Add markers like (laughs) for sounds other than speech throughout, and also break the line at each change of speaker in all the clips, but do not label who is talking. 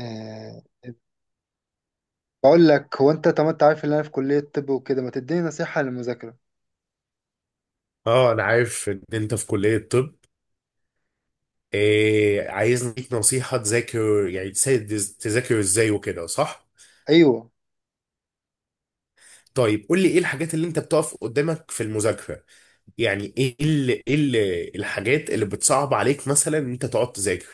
آه. بقول لك، هو انت طب انت عارف ان انا في كلية طب وكده، ما تديني نصيحة للمذاكرة؟
اه، انا عارف ان انت في كلية طب. إيه، عايز ليك نصيحة تذاكر يعني تساعد، تذاكر ازاي وكده صح؟
ايوه.
طيب قول لي ايه الحاجات اللي انت بتقف قدامك في المذاكرة؟ يعني ايه الحاجات اللي بتصعب عليك مثلا ان انت تقعد تذاكر؟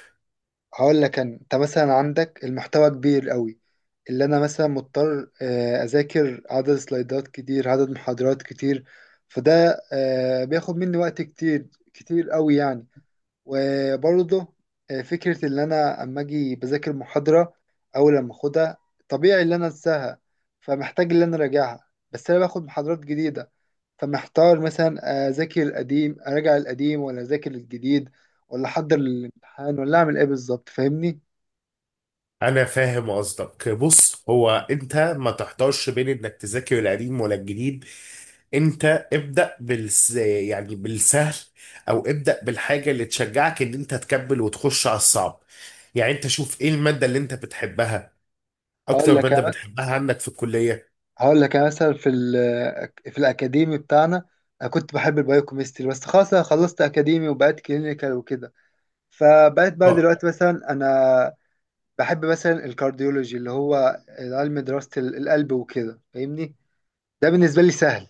هقول لك انا، انت مثلا عندك المحتوى كبير قوي، اللي انا مثلا مضطر اذاكر عدد سلايدات كتير، عدد محاضرات كتير، فده بياخد مني وقت كتير، كتير قوي يعني. وبرضه، فكرة إن أنا أما أجي بذاكر محاضرة أول لما أخدها، طبيعي إن أنا أنساها، فمحتاج إن أنا أراجعها بس أنا باخد محاضرات جديدة، فمحتار مثلا أذاكر القديم أراجع القديم ولا أذاكر الجديد، ولا أحضر للامتحان، ولا أعمل إيه بالظبط؟ فاهمني؟
انا فاهم قصدك، بص هو انت ما تحتارش بين انك تذاكر القديم ولا الجديد. انت ابدأ يعني بالسهل، او ابدأ بالحاجة اللي تشجعك ان انت تكمل وتخش على الصعب. يعني انت شوف ايه المادة اللي انت بتحبها،
هقول
اكتر
لك
مادة
أنا-
بتحبها عندك في الكلية.
هقول لك أنا مثلا في الأكاديمي بتاعنا أنا كنت بحب البايوكيمستري، بس خلاص أنا خلصت أكاديمي وبقيت كلينيكال وكده. فبقيت بقى
طب،
دلوقتي مثلا أنا بحب مثلا الكارديولوجي، اللي هو علم دراسة القلب وكده، فاهمني؟ ده بالنسبة لي سهل.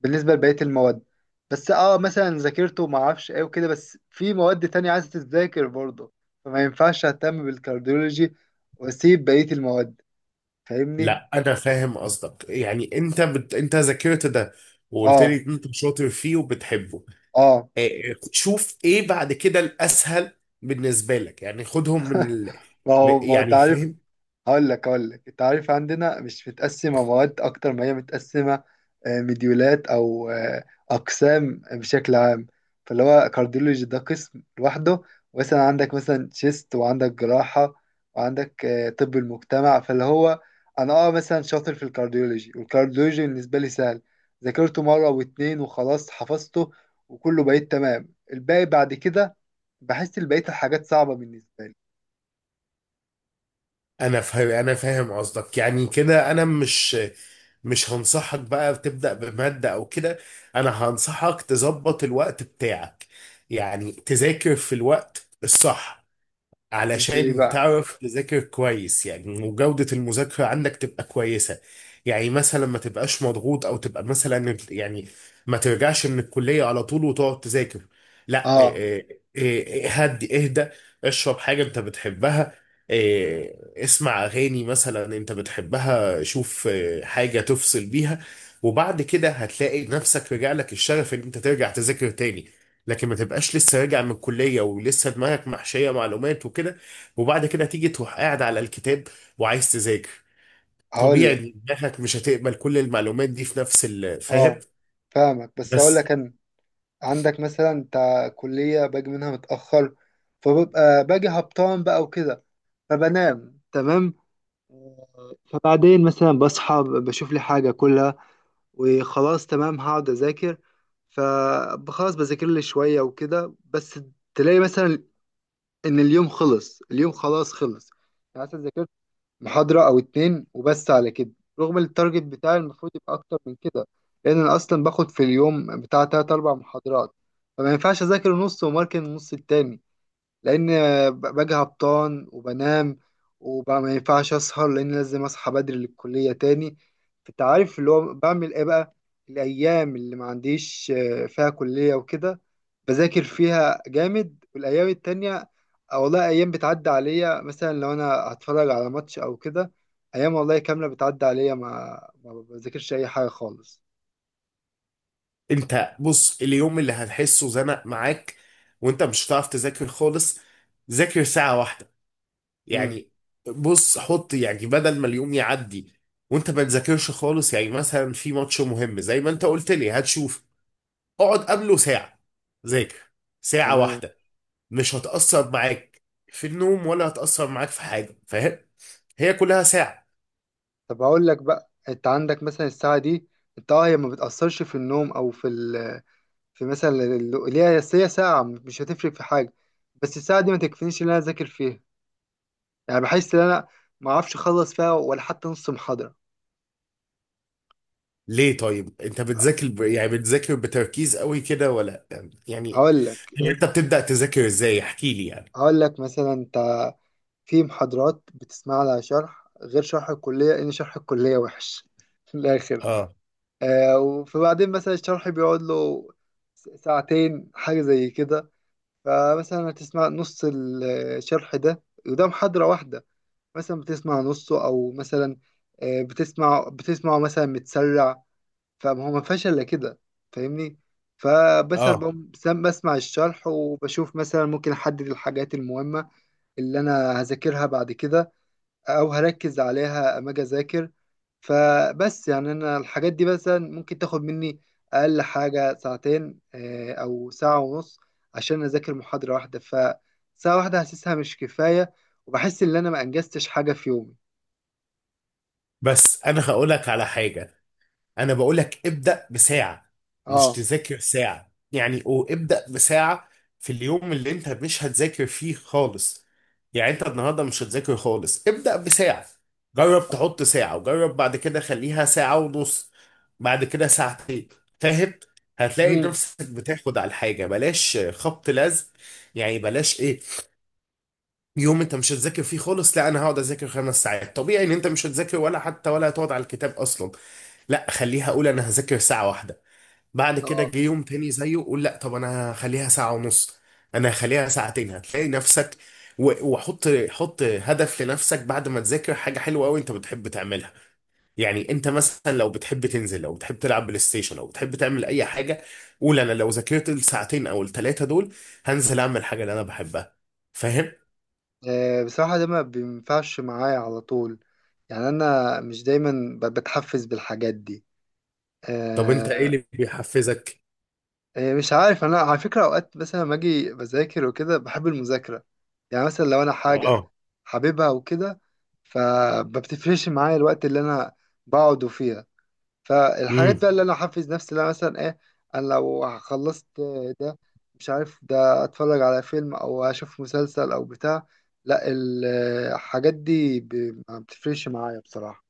بالنسبة لبقية المواد، بس اه مثلا ذاكرته ما اعرفش ايه وكده، بس في مواد تانية عايزة تتذاكر برضه، فما ينفعش اهتم بالكارديولوجي واسيب بقية المواد، فاهمني؟
لا انا فاهم قصدك، يعني انت انت ذاكرت ده وقلت لي
اه.
ان انت شاطر فيه وبتحبه.
اه.
تشوف ايه بعد كده الاسهل بالنسبه لك، يعني خدهم من
ما
م-
هو ما هو انت
يعني
عارف.
فاهم.
هقول لك انت عارف، عندنا مش متقسمه مواد اكتر ما هي متقسمه مديولات، او اقسام بشكل عام. فاللي هو كارديولوجي ده قسم لوحده، مثلا عندك مثلا شيست، وعندك جراحه، وعندك طب المجتمع. فاللي هو انا اه مثلا شاطر في الكارديولوجي، والكارديولوجي بالنسبه لي سهل، ذاكرته مره واتنين وخلاص حفظته وكله، بقيت تمام. الباقي بعد كده بحس بقيه الحاجات صعبه بالنسبه لي.
انا فاهم قصدك، يعني كده انا مش هنصحك بقى تبدا بماده او كده، انا هنصحك تظبط الوقت بتاعك، يعني تذاكر في الوقت الصح
ازاي
علشان
بقى؟
تعرف تذاكر كويس، يعني وجودة المذاكرة عندك تبقى كويسة. يعني مثلا ما تبقاش مضغوط، او تبقى مثلا يعني ما ترجعش من الكلية على طول وتقعد تذاكر. لا
اه.
إيه، هدي اهدى، اشرب حاجة انت بتحبها، اسمع اغاني مثلا انت بتحبها، شوف حاجة تفصل بيها. وبعد كده هتلاقي نفسك رجع لك الشغف ان انت ترجع تذاكر تاني، لكن ما تبقاش لسه راجع من الكلية ولسه دماغك محشية معلومات وكده، وبعد كده تيجي تروح قاعد على الكتاب وعايز تذاكر.
هقول
طبيعي
لك.
إن دماغك مش هتقبل كل المعلومات دي في نفس الفاهم.
اه، فاهمك، بس اقول
بس
لك انا، عندك مثلا انت كلية باجي منها متأخر، فببقى باجي هبطان بقى وكده، فبنام تمام. فبعدين مثلا بصحى بشوف لي حاجة كلها، وخلاص تمام هقعد أذاكر، فخلاص بذاكر لي شوية وكده، بس تلاقي مثلا إن اليوم خلص، اليوم خلاص خلص، يعني مثلا ذاكرت محاضرة أو اتنين وبس على كده. رغم التارجت بتاعي المفروض يبقى أكتر من كده، لأن أنا أصلا باخد في اليوم بتاع تلات أربع محاضرات، فما ينفعش أذاكر نص وماركن النص التاني، لان باجي هبطان وبنام، وبقى ما ينفعش اسهر لان لازم اصحى بدري للكليه تاني. فانت عارف اللي هو بعمل ايه بقى؟ الايام اللي ما عنديش فيها كليه وكده، بذاكر فيها جامد، والايام التانية أو والله ايام بتعدي عليا، مثلا لو انا هتفرج على ماتش او كده، ايام والله كامله بتعدي عليا ما بذاكرش اي حاجه خالص.
انت بص، اليوم اللي هتحسه زنق معاك وانت مش هتعرف تذاكر خالص، ذاكر ساعة واحدة
امم.
يعني. بص حط يعني بدل ما اليوم يعدي وانت ما تذاكرش خالص، يعني مثلا في ماتش مهم زي ما انت قلت لي هتشوف، اقعد قبله ساعة ذاكر ساعة
تمام.
واحدة، مش هتأثر معاك في النوم ولا هتأثر معاك في حاجة، فاهم؟ هي كلها ساعة.
طب هقول لك بقى، انت عندك مثلا الساعة دي، انت هي ما بتأثرش في النوم او في ال في مثلا ال- اللي هي، بس هي ساعة مش هتفرق في حاجة، بس الساعة دي ما تكفينيش ان انا اذاكر فيها، يعني بحس ان انا ما اعرفش اخلص فيها ولا حتى نص محاضرة.
ليه طيب؟ انت بتذاكر يعني بتذاكر بتركيز قوي كده ولا يعني،
هقول لك
انت بتبدأ تذاكر ازاي احكي لي يعني.
هقول لك مثلا انت، في محاضرات بتسمع لها شرح غير شرح الكلية، ان شرح الكلية وحش (laughs) في الاخر.
اه.
آه، وفبعدين مثلا الشرح بيقعد له ساعتين، حاجة زي كده، فمثلا هتسمع نص الشرح ده قدام حضرة واحدة، مثلا بتسمع نصه أو مثلا، بتسمعه مثلا متسرع، فما هو ما فيهاش إلا كده، فاهمني؟ فمثلا
اه.
بقوم بسمع الشرح وبشوف مثلا ممكن أحدد الحاجات المهمة اللي أنا هذاكرها بعد كده، او هركز عليها اما اجي اذاكر. فبس يعني انا الحاجات دي مثلا ممكن تاخد مني اقل حاجه ساعتين، او ساعه ونص، عشان اذاكر محاضره واحده، فساعه واحده حاسسها مش كفايه، وبحس ان انا ما انجزتش حاجه في يومي.
بس انا هقولك على حاجة، انا بقول لك ابدأ بساعة، مش
اه.
تذاكر ساعة يعني، او ابدأ بساعة في اليوم اللي انت مش هتذاكر فيه خالص. يعني انت النهارده مش هتذاكر خالص، ابدأ بساعة. جرب تحط ساعة، وجرب بعد كده خليها ساعة ونص، بعد كده ساعتين، فاهم؟ هتلاقي
مم.
نفسك بتاخد على الحاجة، بلاش خبط لزق يعني، بلاش ايه، يوم انت مش هتذاكر فيه خالص لا انا هقعد اذاكر خمس ساعات، طبيعي ان انت مش هتذاكر ولا حتى ولا هتقعد على الكتاب اصلا. لا خليها، اقول انا هذاكر ساعة واحدة، بعد كده
اه.
جه يوم تاني زيه قول لا طب انا هخليها ساعة ونص، انا هخليها ساعتين، هتلاقي نفسك. وحط هدف لنفسك بعد ما تذاكر، حاجة حلوة قوي انت بتحب تعملها. يعني انت مثلا لو بتحب تنزل، لو بتحب تلعب بلاي ستيشن، لو بتحب تعمل اي حاجة، قول انا لو ذاكرت الساعتين او الثلاثة دول هنزل اعمل حاجة اللي انا بحبها، فاهم؟
بصراحه ده ما بينفعش معايا على طول، يعني انا مش دايما بتحفز بالحاجات دي.
طب انت ايه
آه،
اللي بيحفزك؟
إيه، مش عارف انا، على فكره اوقات مثلا لما اجي بذاكر وكده بحب المذاكره، يعني مثلا لو انا حاجه
اه.
حاببها وكده، فبتفرقش معايا الوقت اللي انا بقعد فيها. فالحاجات
امم.
بقى اللي انا احفز نفسي لها مثلا ايه؟ انا لو خلصت ده، مش عارف، ده اتفرج على فيلم او اشوف مسلسل او بتاع، لا ال- الحاجات دي ما بتفرقش معايا بصراحه.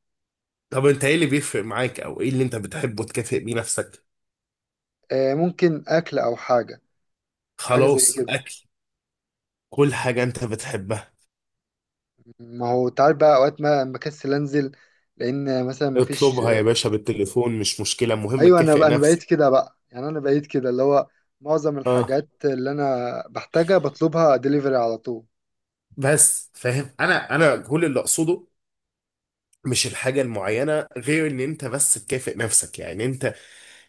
طب انت ايه اللي بيفرق معاك او ايه اللي انت بتحبه تكافئ بيه نفسك؟
إيه، ممكن اكل او حاجه، حاجه زي
خلاص
كده.
اكل، كل حاجة انت بتحبها.
ما هو تعال بقى، اوقات ما بكسل انزل، لان مثلا ما فيش.
اطلبها يا باشا بالتليفون، مش مشكلة، المهم
ايوه، انا
تكافئ
انا بقيت
نفسك.
كده بقى، يعني انا بقيت كده اللي هو معظم
اه.
الحاجات اللي انا بحتاجها بطلبها ديليفري على طول.
بس فاهم، انا انا كل اللي اقصده مش الحاجة المعينة، غير ان انت بس تكافئ نفسك يعني. انت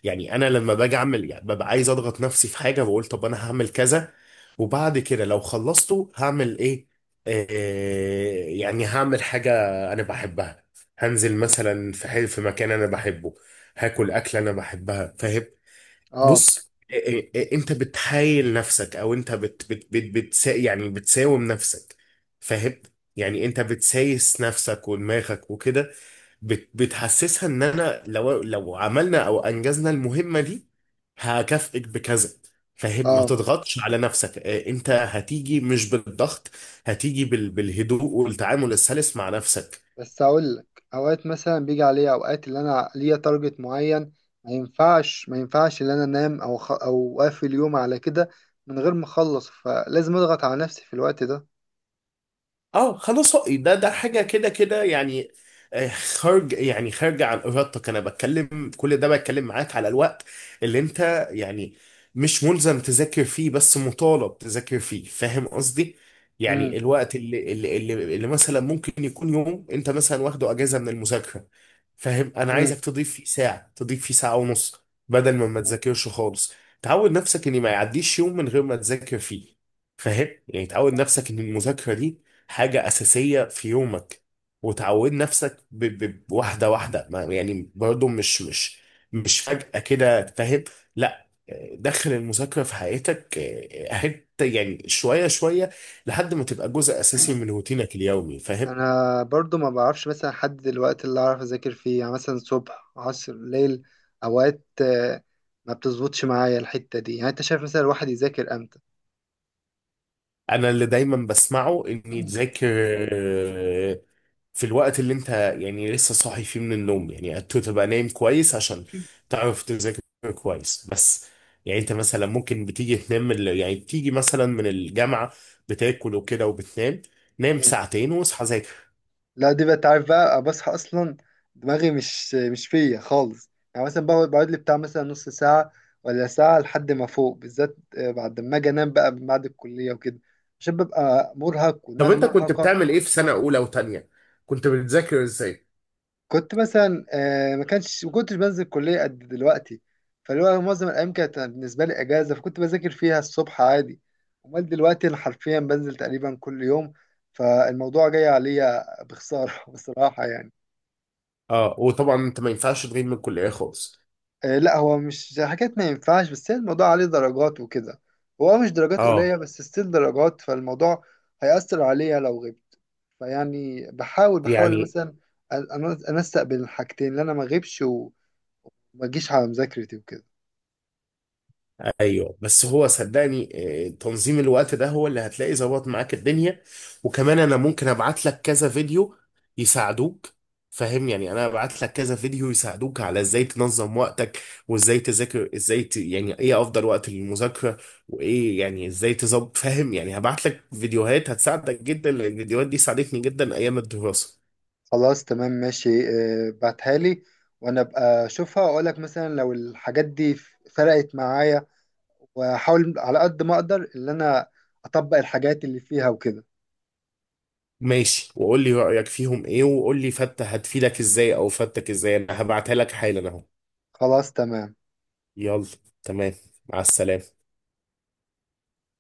يعني انا لما باجي اعمل يعني ببقى عايز اضغط نفسي في حاجه، بقول طب انا هعمل كذا، وبعد كده لو خلصته هعمل ايه. آه، يعني هعمل حاجه انا بحبها، هنزل
مم.
مثلا في في مكان انا بحبه، هاكل اكله انا بحبها، فاهم؟
اه.
بص، انت بتحايل نفسك، او انت بت بت بت بتسا يعني بتساوم نفسك، فاهم؟ يعني انت بتسايس نفسك ودماغك وكده، بتحسسها ان انا لو عملنا او انجزنا المهمه دي هكافئك بكذا. فاهم؟ ما
اه.
تضغطش على نفسك. انت هتيجي مش بالضغط، هتيجي بالهدوء والتعامل السلس مع نفسك.
بس اقول لك اوقات مثلا بيجي عليا اوقات اللي انا ليا تارجت معين، ما ينفعش ان انا انام او او اقفل اليوم على كده من غير ما اخلص، فلازم اضغط على نفسي في الوقت ده.
اه خلاص، ده ده حاجه كده كده يعني. خارج يعني خارجه عن ارادتك. انا بتكلم كل ده بتكلم معاك على الوقت اللي انت يعني مش ملزم تذاكر فيه، بس مطالب تذاكر فيه، فاهم قصدي؟
امم.
يعني الوقت اللي مثلا ممكن يكون يوم انت مثلا واخده اجازه من المذاكره، فاهم؟ انا عايزك تضيف فيه ساعه، تضيف فيه ساعه ونص، بدل ما تذاكرش خالص. تعود نفسك ان ما يعديش يوم من غير ما تذاكر فيه، فاهم؟ يعني تعود نفسك ان المذاكره دي حاجة أساسية في يومك، وتعود نفسك بواحدة واحدة، يعني برضو مش مش
امم.
مش فجأة كده، فاهم؟ لا، دخل المذاكرة في حياتك حتة يعني، شوية شوية، لحد ما تبقى جزء أساسي من روتينك اليومي، فاهم؟
انا برضو ما بعرفش مثلا احدد الوقت اللي اعرف اذاكر فيه، يعني مثلا صبح عصر ليل. اوقات ما بتظبطش معايا الحتة دي، يعني انت شايف مثلا الواحد يذاكر امتى؟
انا اللي دايما بسمعه اني تذاكر آه، في الوقت اللي انت يعني لسه صاحي فيه من النوم، يعني انت تبقى نايم كويس عشان تعرف تذاكر كويس بس. يعني انت مثلا ممكن بتيجي تنام من يعني بتيجي مثلا من الجامعة، بتاكل وكده وبتنام، نام
(clears throat)
ساعتين واصحى ذاكر.
لا دي بقى تعرف بقى بصحى اصلا دماغي مش فيا خالص، يعني مثلا بقعد لي بتاع مثلا نص ساعة ولا ساعة لحد ما فوق، بالذات بعد ما اجي انام بقى بعد الكلية وكده، عشان ببقى مرهق
طب
ودماغي
انت كنت
مرهقة.
بتعمل ايه في سنة اولى وتانية، كنت بتذاكر ازاي؟
كنت مثلا ما كنتش بنزل الكلية قد دلوقتي، فاللي هو معظم الأيام كانت بالنسبة لي إجازة، فكنت بذاكر فيها الصبح عادي. أمال دلوقتي أنا حرفيا بنزل تقريبا كل يوم، فالموضوع جاي عليا بخسارة (laughs) بصراحة يعني.
اه، وطبعا انت ما ينفعش تغيب من الكلية خالص.
لا هو مش حاجات ما ينفعش، بس هي الموضوع عليه درجات وكده، هو مش درجات
اه
قليلة بس ستيل درجات، فالموضوع هيأثر عليا لو غبت. فيعني بحاول
يعني
مثلا أنسق بين الحاجتين، إن أنا ما أغيبش وما أجيش على مذاكرتي وكده.
ايوه. بس هو صدقني، تنظيم الوقت ده هو اللي هتلاقي ظبط معاك الدنيا. وكمان انا ممكن ابعت لك كذا فيديو يساعدوك، فاهم؟ يعني انا ابعت لك كذا فيديو يساعدوك على ازاي تنظم وقتك، وازاي تذاكر، ازاي يعني ايه افضل وقت للمذاكره، وايه يعني ازاي تظبط، فاهم؟ يعني هبعت لك فيديوهات هتساعدك جدا، لان الفيديوهات دي ساعدتني جدا ايام الدراسه.
خلاص تمام ماشي. بعتها لي وانا ابقى اشوفها واقول لك مثلا لو الحاجات دي فرقت معايا، واحاول على قد ما اقدر ان انا اطبق الحاجات اللي فيها وكده.
ماشي، وقول لي رايك فيهم ايه، وقول لي فتة هتفيدك ازاي او فتك ازاي، انا هبعتها لك حالا اهو.
خلاص تمام.
يلا، تمام، مع السلامة.